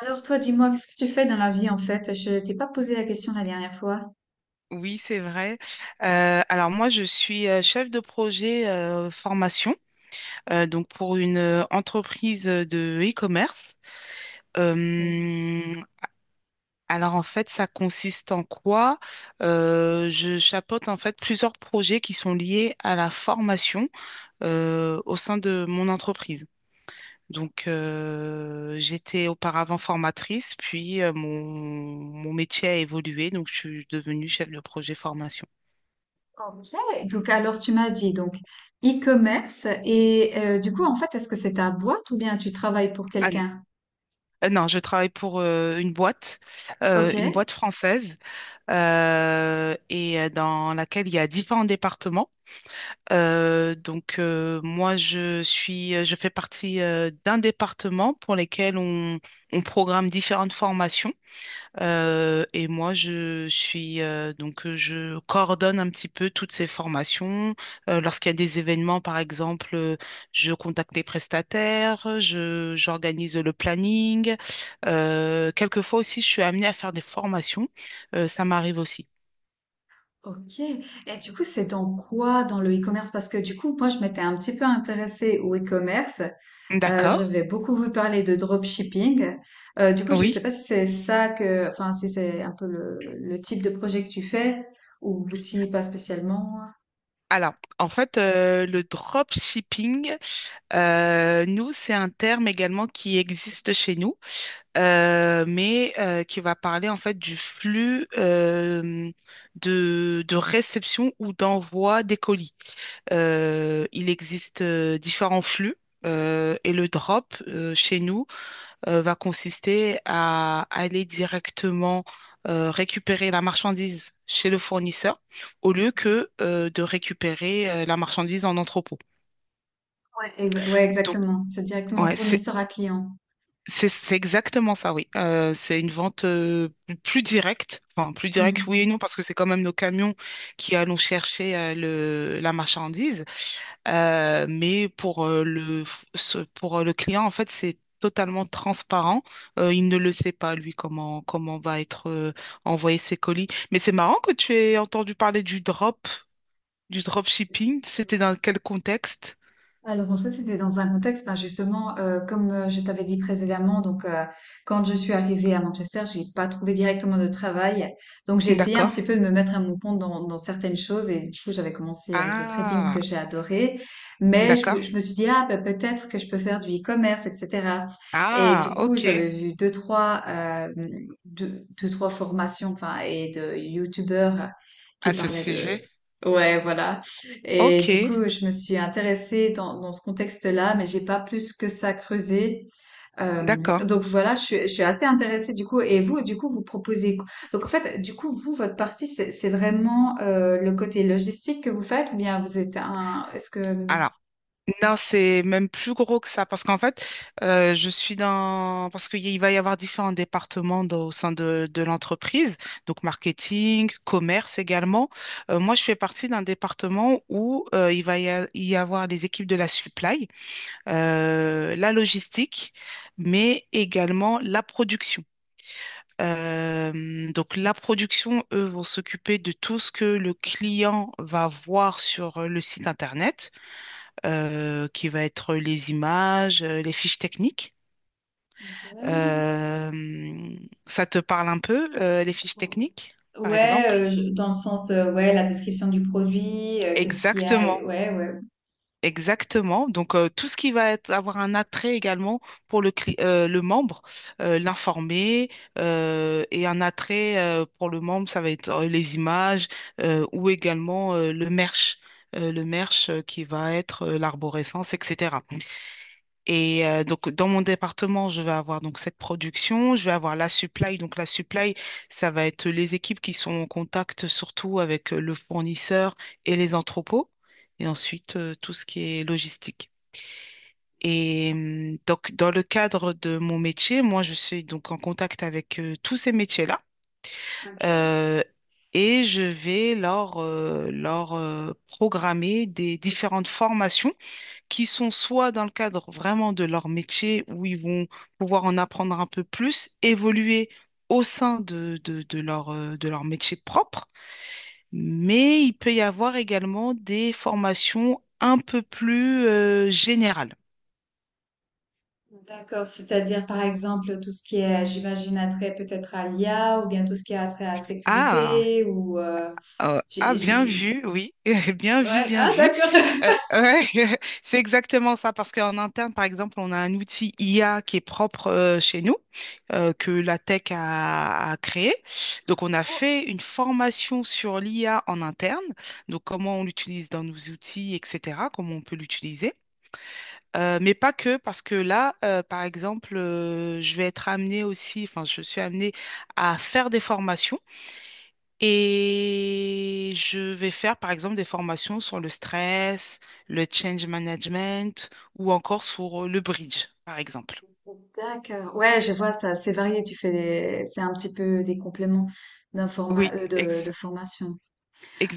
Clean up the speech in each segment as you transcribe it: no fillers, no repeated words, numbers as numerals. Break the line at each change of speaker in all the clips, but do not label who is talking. Alors toi, dis-moi, qu'est-ce que tu fais dans la vie en fait? Je t'ai pas posé la question la dernière fois.
Oui, c'est vrai. Alors moi, je suis chef de projet formation, donc pour une entreprise de e-commerce.
Mm.
Euh, alors en fait, ça consiste en quoi? Je chapeaute en fait plusieurs projets qui sont liés à la formation au sein de mon entreprise. Donc j'étais auparavant formatrice, puis mon métier a évolué, donc je suis devenue chef de projet formation.
Ok. Donc alors tu m'as dit donc e-commerce et du coup en fait est-ce que c'est ta boîte ou bien tu travailles pour quelqu'un?
Non, je travaille pour
Ok.
une boîte française, et dans laquelle il y a différents départements. Donc moi, je fais partie d'un département pour lequel on programme différentes formations. Et moi, je suis je coordonne un petit peu toutes ces formations. Lorsqu'il y a des événements, par exemple, je contacte les prestataires, je j'organise le planning. Quelquefois aussi, je suis amenée à faire des formations. Ça m'arrive aussi.
Ok. Et du coup c'est dans quoi dans le e-commerce? Parce que du coup moi je m'étais un petit peu intéressée au e-commerce.
D'accord.
J'avais beaucoup vu parler de dropshipping. Du coup je ne sais
Oui.
pas si c'est ça que, enfin si c'est un peu le type de projet que tu fais ou si pas spécialement.
Alors, en fait, le dropshipping, nous, c'est un terme également qui existe chez nous. Mais qui va parler en fait du flux de réception ou d'envoi des colis. Il existe différents flux. Et le drop chez nous va consister à aller directement récupérer la marchandise chez le fournisseur au lieu que de récupérer la marchandise en entrepôt.
Ouais, ouais,
Donc,
exactement. C'est directement
ouais,
fournisseur à client.
c'est exactement ça, oui. C'est une vente plus directe. Enfin, plus directe, oui et
Mhm.
non, parce que c'est quand même nos camions qui allons chercher la marchandise. Mais pour le client, en fait, c'est totalement transparent. Il ne le sait pas, lui, comment va être envoyé ses colis. Mais c'est marrant que tu aies entendu parler du drop shipping. C'était dans quel contexte?
Alors en fait, c'était dans un contexte, ben, justement, comme, je t'avais dit précédemment, donc, quand je suis arrivée à Manchester, j'ai pas trouvé directement de travail. Donc j'ai essayé un
D'accord.
petit peu de me mettre à mon compte dans certaines choses et du coup, j'avais commencé avec le trading
Ah,
que j'ai adoré. Mais je me
d'accord.
je me suis dit: «Ah, bah, peut-être que je peux faire du e-commerce et cetera», et
Ah,
du coup,
ok.
j'avais vu deux trois 2-2-3 formations, enfin et de youtubeurs qui
À ce
parlaient
sujet.
de, ouais, voilà. Et
Ok,
du coup, je me suis intéressée dans ce contexte-là, mais j'ai pas plus que ça creusé.
d'accord.
Donc voilà, je suis assez intéressée du coup. Et vous, du coup, vous proposez quoi? Donc en fait, du coup, vous, votre partie, c'est vraiment le côté logistique que vous faites, ou bien vous êtes un... Est-ce que...
Alors, non, c'est même plus gros que ça parce qu'en fait, je suis dans... Parce qu'il va y avoir différents départements au sein de l'entreprise, donc marketing, commerce également. Moi, je fais partie d'un département où il va y avoir les équipes de la supply, la logistique, mais également la production. Donc la production, eux, vont s'occuper de tout ce que le client va voir sur le site internet, qui va être les images, les fiches techniques.
Ouais.
Euh, Ça te parle un peu, les fiches techniques, par
Ouais,
exemple?
dans le sens, ouais, la description du produit, qu'est-ce qu'il y a,
Exactement.
ouais, ouais.
Exactement. Donc, tout ce qui va être, avoir un attrait également pour le, le membre, l'informer, et un attrait pour le membre, ça va être les images ou également le merch qui va être l'arborescence, etc. Et donc, dans mon département, je vais avoir donc cette production, je vais avoir la supply. Donc, la supply, ça va être les équipes qui sont en contact surtout avec le fournisseur et les entrepôts. Et ensuite, tout ce qui est logistique. Et donc, dans le cadre de mon métier, moi, je suis donc en contact avec tous ces métiers-là.
Ok.
Euh, et je vais leur programmer des différentes formations qui sont soit dans le cadre vraiment de leur métier, où ils vont pouvoir en apprendre un peu plus, évoluer au sein de leur, de leur métier propre, mais il peut y avoir également des formations un peu plus générales.
D'accord, c'est-à-dire par exemple tout ce qui est, j'imagine, attrait peut-être à l'IA, ou bien tout ce qui est attrait à la
Ah!
sécurité ou...
Ah,
j'ai,
bien
j'ai-
vu, oui, bien vu,
Ouais,
bien
ah
vu.
d'accord.
Ouais, c'est exactement ça, parce qu'en interne, par exemple, on a un outil IA qui est propre chez nous, que la tech a créé. Donc, on a fait une formation sur l'IA en interne, donc comment on l'utilise dans nos outils, etc., comment on peut l'utiliser. Mais pas que, parce que là, par exemple, je vais être amenée aussi, enfin, je suis amenée à faire des formations et je vais faire par exemple des formations sur le stress, le change management ou encore sur le bridge, par exemple.
D'accord. Ouais, je vois ça. C'est varié. Tu fais des... c'est un petit peu des compléments d'informa...
Oui,
de formation.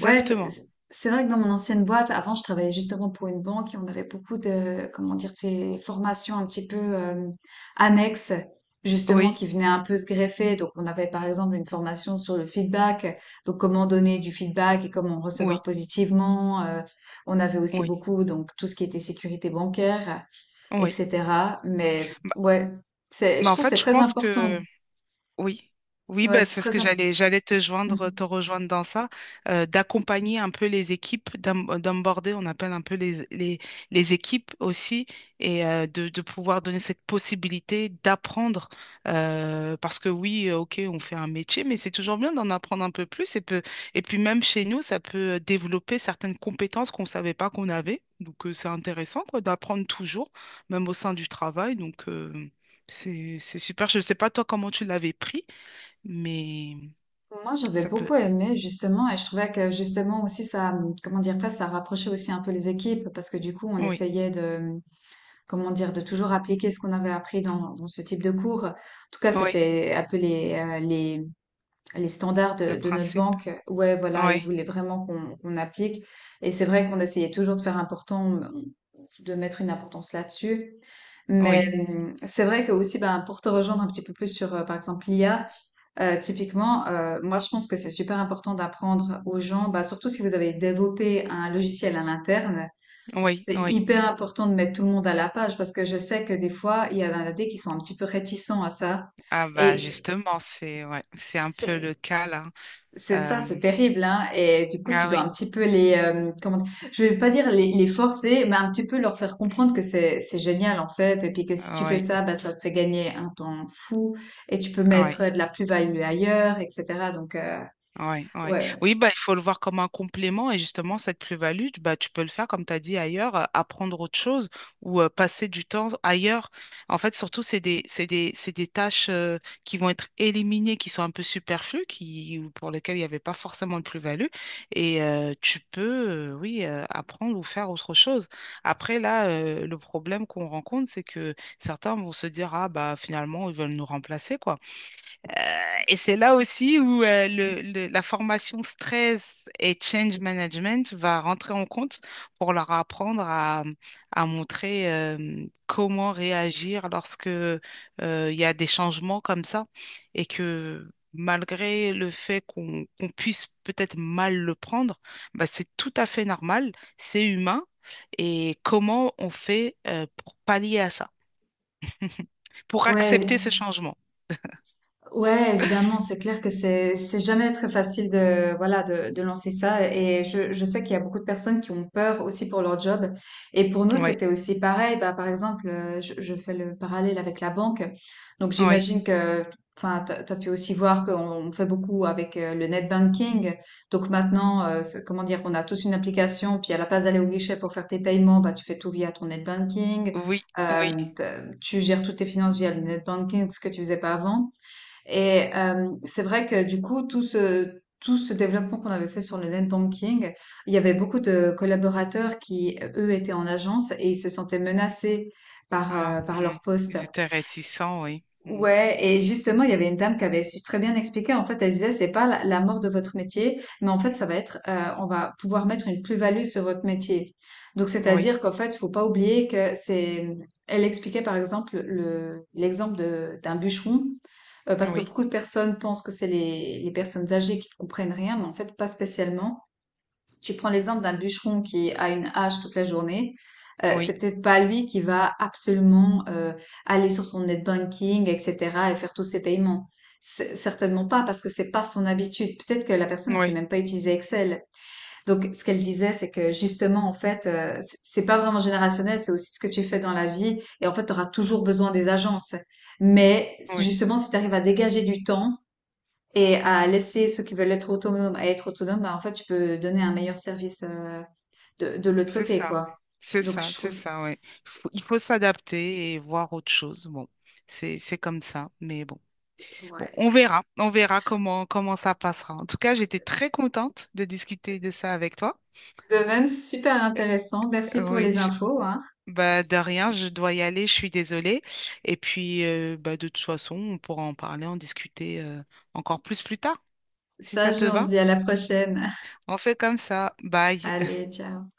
Ouais, c'est vrai que dans mon ancienne boîte, avant, je travaillais justement pour une banque et on avait beaucoup de, comment dire, de ces formations un petit peu annexes, justement,
Oui,
qui venaient un peu se greffer. Donc, on avait par exemple une formation sur le feedback, donc comment donner du feedback et comment recevoir
oui,
positivement. On avait aussi
oui,
beaucoup, donc, tout ce qui était sécurité bancaire,
oui.
etc. Mais
Bah,
ouais, c'est, je
bah, en
trouve que c'est
fait, je
très
pense
important.
que oui, oui,
Ouais,
bah,
c'est
c'est ce
très
que
important.
j'allais te joindre, te rejoindre dans ça, d'accompagner un peu les équipes, d'onboarder, on appelle un peu les équipes aussi, et de pouvoir donner cette possibilité d'apprendre, parce que oui, ok, on fait un métier, mais c'est toujours bien d'en apprendre un peu plus, et et puis même chez nous, ça peut développer certaines compétences qu'on ne savait pas qu'on avait, donc c'est intéressant quoi, d'apprendre toujours, même au sein du travail, donc... c'est super. Je ne sais pas toi comment tu l'avais pris, mais
Moi, j'avais
ça peut.
beaucoup aimé justement, et je trouvais que justement aussi ça, comment dire, presque ça rapprochait aussi un peu les équipes parce que du coup, on
Oui,
essayait de, comment dire, de toujours appliquer ce qu'on avait appris dans ce type de cours. En tout cas,
oui,
c'était un peu les standards
le
de notre
principe.
banque. Ouais, voilà, ils
Oui,
voulaient vraiment qu'on applique. Et c'est vrai qu'on essayait toujours de faire important, de mettre une importance là-dessus. Mais
oui,
c'est vrai que aussi, ben, pour te rejoindre un petit peu plus sur, par exemple, l'IA. Typiquement, moi je pense que c'est super important d'apprendre aux gens, bah, surtout si vous avez développé un logiciel à l'interne,
oui,
c'est
oui.
hyper important de mettre tout le monde à la page parce que je sais que des fois, il y en a des qui sont un petit peu réticents à ça.
Ah
Et
bah justement, c'est ouais, c'est un peu le
c'est-
cas là.
c'est ça, c'est
Euh,
terrible, hein. Et du coup, tu
ah
dois
oui,
un petit peu les, comment dire, je vais pas dire les forcer, mais un petit peu leur faire comprendre que c'est génial en fait, et puis que si tu fais
oui,
ça, bah, ça te fait gagner un temps fou et tu peux
oui.
mettre de la plus-value ailleurs, etc. Donc
Ouais, ouais.
Ouais,
Oui, bah, il faut le voir comme un complément et justement, cette plus-value, bah, tu peux le faire, comme tu as dit ailleurs, apprendre autre chose ou passer du temps ailleurs. En fait, surtout, c'est des tâches qui vont être éliminées, qui sont un peu superflues, qui, ou pour lesquelles il n'y avait pas forcément de plus-value. Et tu peux, oui, apprendre ou faire autre chose. Après, là, le problème qu'on rencontre, c'est que certains vont se dire, ah, bah, finalement, ils veulent nous remplacer, quoi. Euh, et c'est là aussi où la formation stress et change management va rentrer en compte pour leur apprendre à montrer comment réagir lorsque il y a des changements comme ça et que malgré le fait qu'on puisse peut-être mal le prendre, bah, c'est tout à fait normal, c'est humain et comment on fait pour pallier à ça, pour accepter ce
Ouais,
changement.
Ouais, évidemment, c'est clair que c'est jamais très facile de voilà de lancer ça et je sais qu'il y a beaucoup de personnes qui ont peur aussi pour leur job et pour nous
Oui,
c'était aussi pareil, bah par exemple je fais le parallèle avec la banque donc
oui.
j'imagine que, enfin t'as pu aussi voir qu'on on fait beaucoup avec le net banking, donc maintenant c'est, comment dire, on a tous une application puis à la place d'aller au guichet pour faire tes paiements bah tu fais tout via ton net banking,
Oui, oui.
tu gères toutes tes finances via le net banking, ce que tu faisais pas avant, et c'est vrai que du coup, tout ce développement qu'on avait fait sur le net banking, il y avait beaucoup de collaborateurs qui, eux, étaient en agence et ils se sentaient menacés par,
Ah,
par
hmm.
leur poste.
Ils étaient réticents, oui. Hmm.
Ouais, et justement, il y avait une dame qui avait su très bien expliquer. En fait, elle disait, c'est pas la mort de votre métier, mais en fait, ça va être, on va pouvoir mettre une plus-value sur votre métier. Donc,
Oui,
c'est-à-dire qu'en fait, faut pas oublier que c'est, elle expliquait par exemple l'exemple de, d'un bûcheron, parce que
oui,
beaucoup de personnes pensent que c'est les personnes âgées qui comprennent rien, mais en fait, pas spécialement. Tu prends l'exemple d'un bûcheron qui a une hache toute la journée,
oui,
c'est peut-être pas lui qui va absolument aller sur son net banking, etc., et faire tous ses paiements. Certainement pas, parce que c'est pas son habitude. Peut-être que la personne ne sait
oui,
même pas utiliser Excel. Donc, ce qu'elle disait, c'est que justement, en fait, c'est pas vraiment générationnel, c'est aussi ce que tu fais dans la vie, et en fait, tu auras toujours besoin des agences. Mais c'est
oui.
justement, si tu arrives à dégager du temps et à laisser ceux qui veulent être autonomes à être autonomes, bah, en fait, tu peux donner un meilleur service de l'autre
C'est
côté,
ça.
quoi.
C'est
Donc,
ça,
je
c'est
trouve,
ça, oui. Il faut s'adapter et voir autre chose. Bon, c'est comme ça, mais bon. Bon,
ouais,
on
c'est
verra. On verra comment ça passera. En tout cas, j'étais très contente de discuter de ça avec toi.
de même super intéressant. Merci pour les
Oui,
infos, hein.
bah de rien, je dois y aller, je suis désolée. Et puis bah de toute façon, on pourra en parler, en discuter encore plus tard, si
Ça,
ça te
on se
va.
dit à la prochaine.
On fait comme ça. Bye.
Allez, ciao.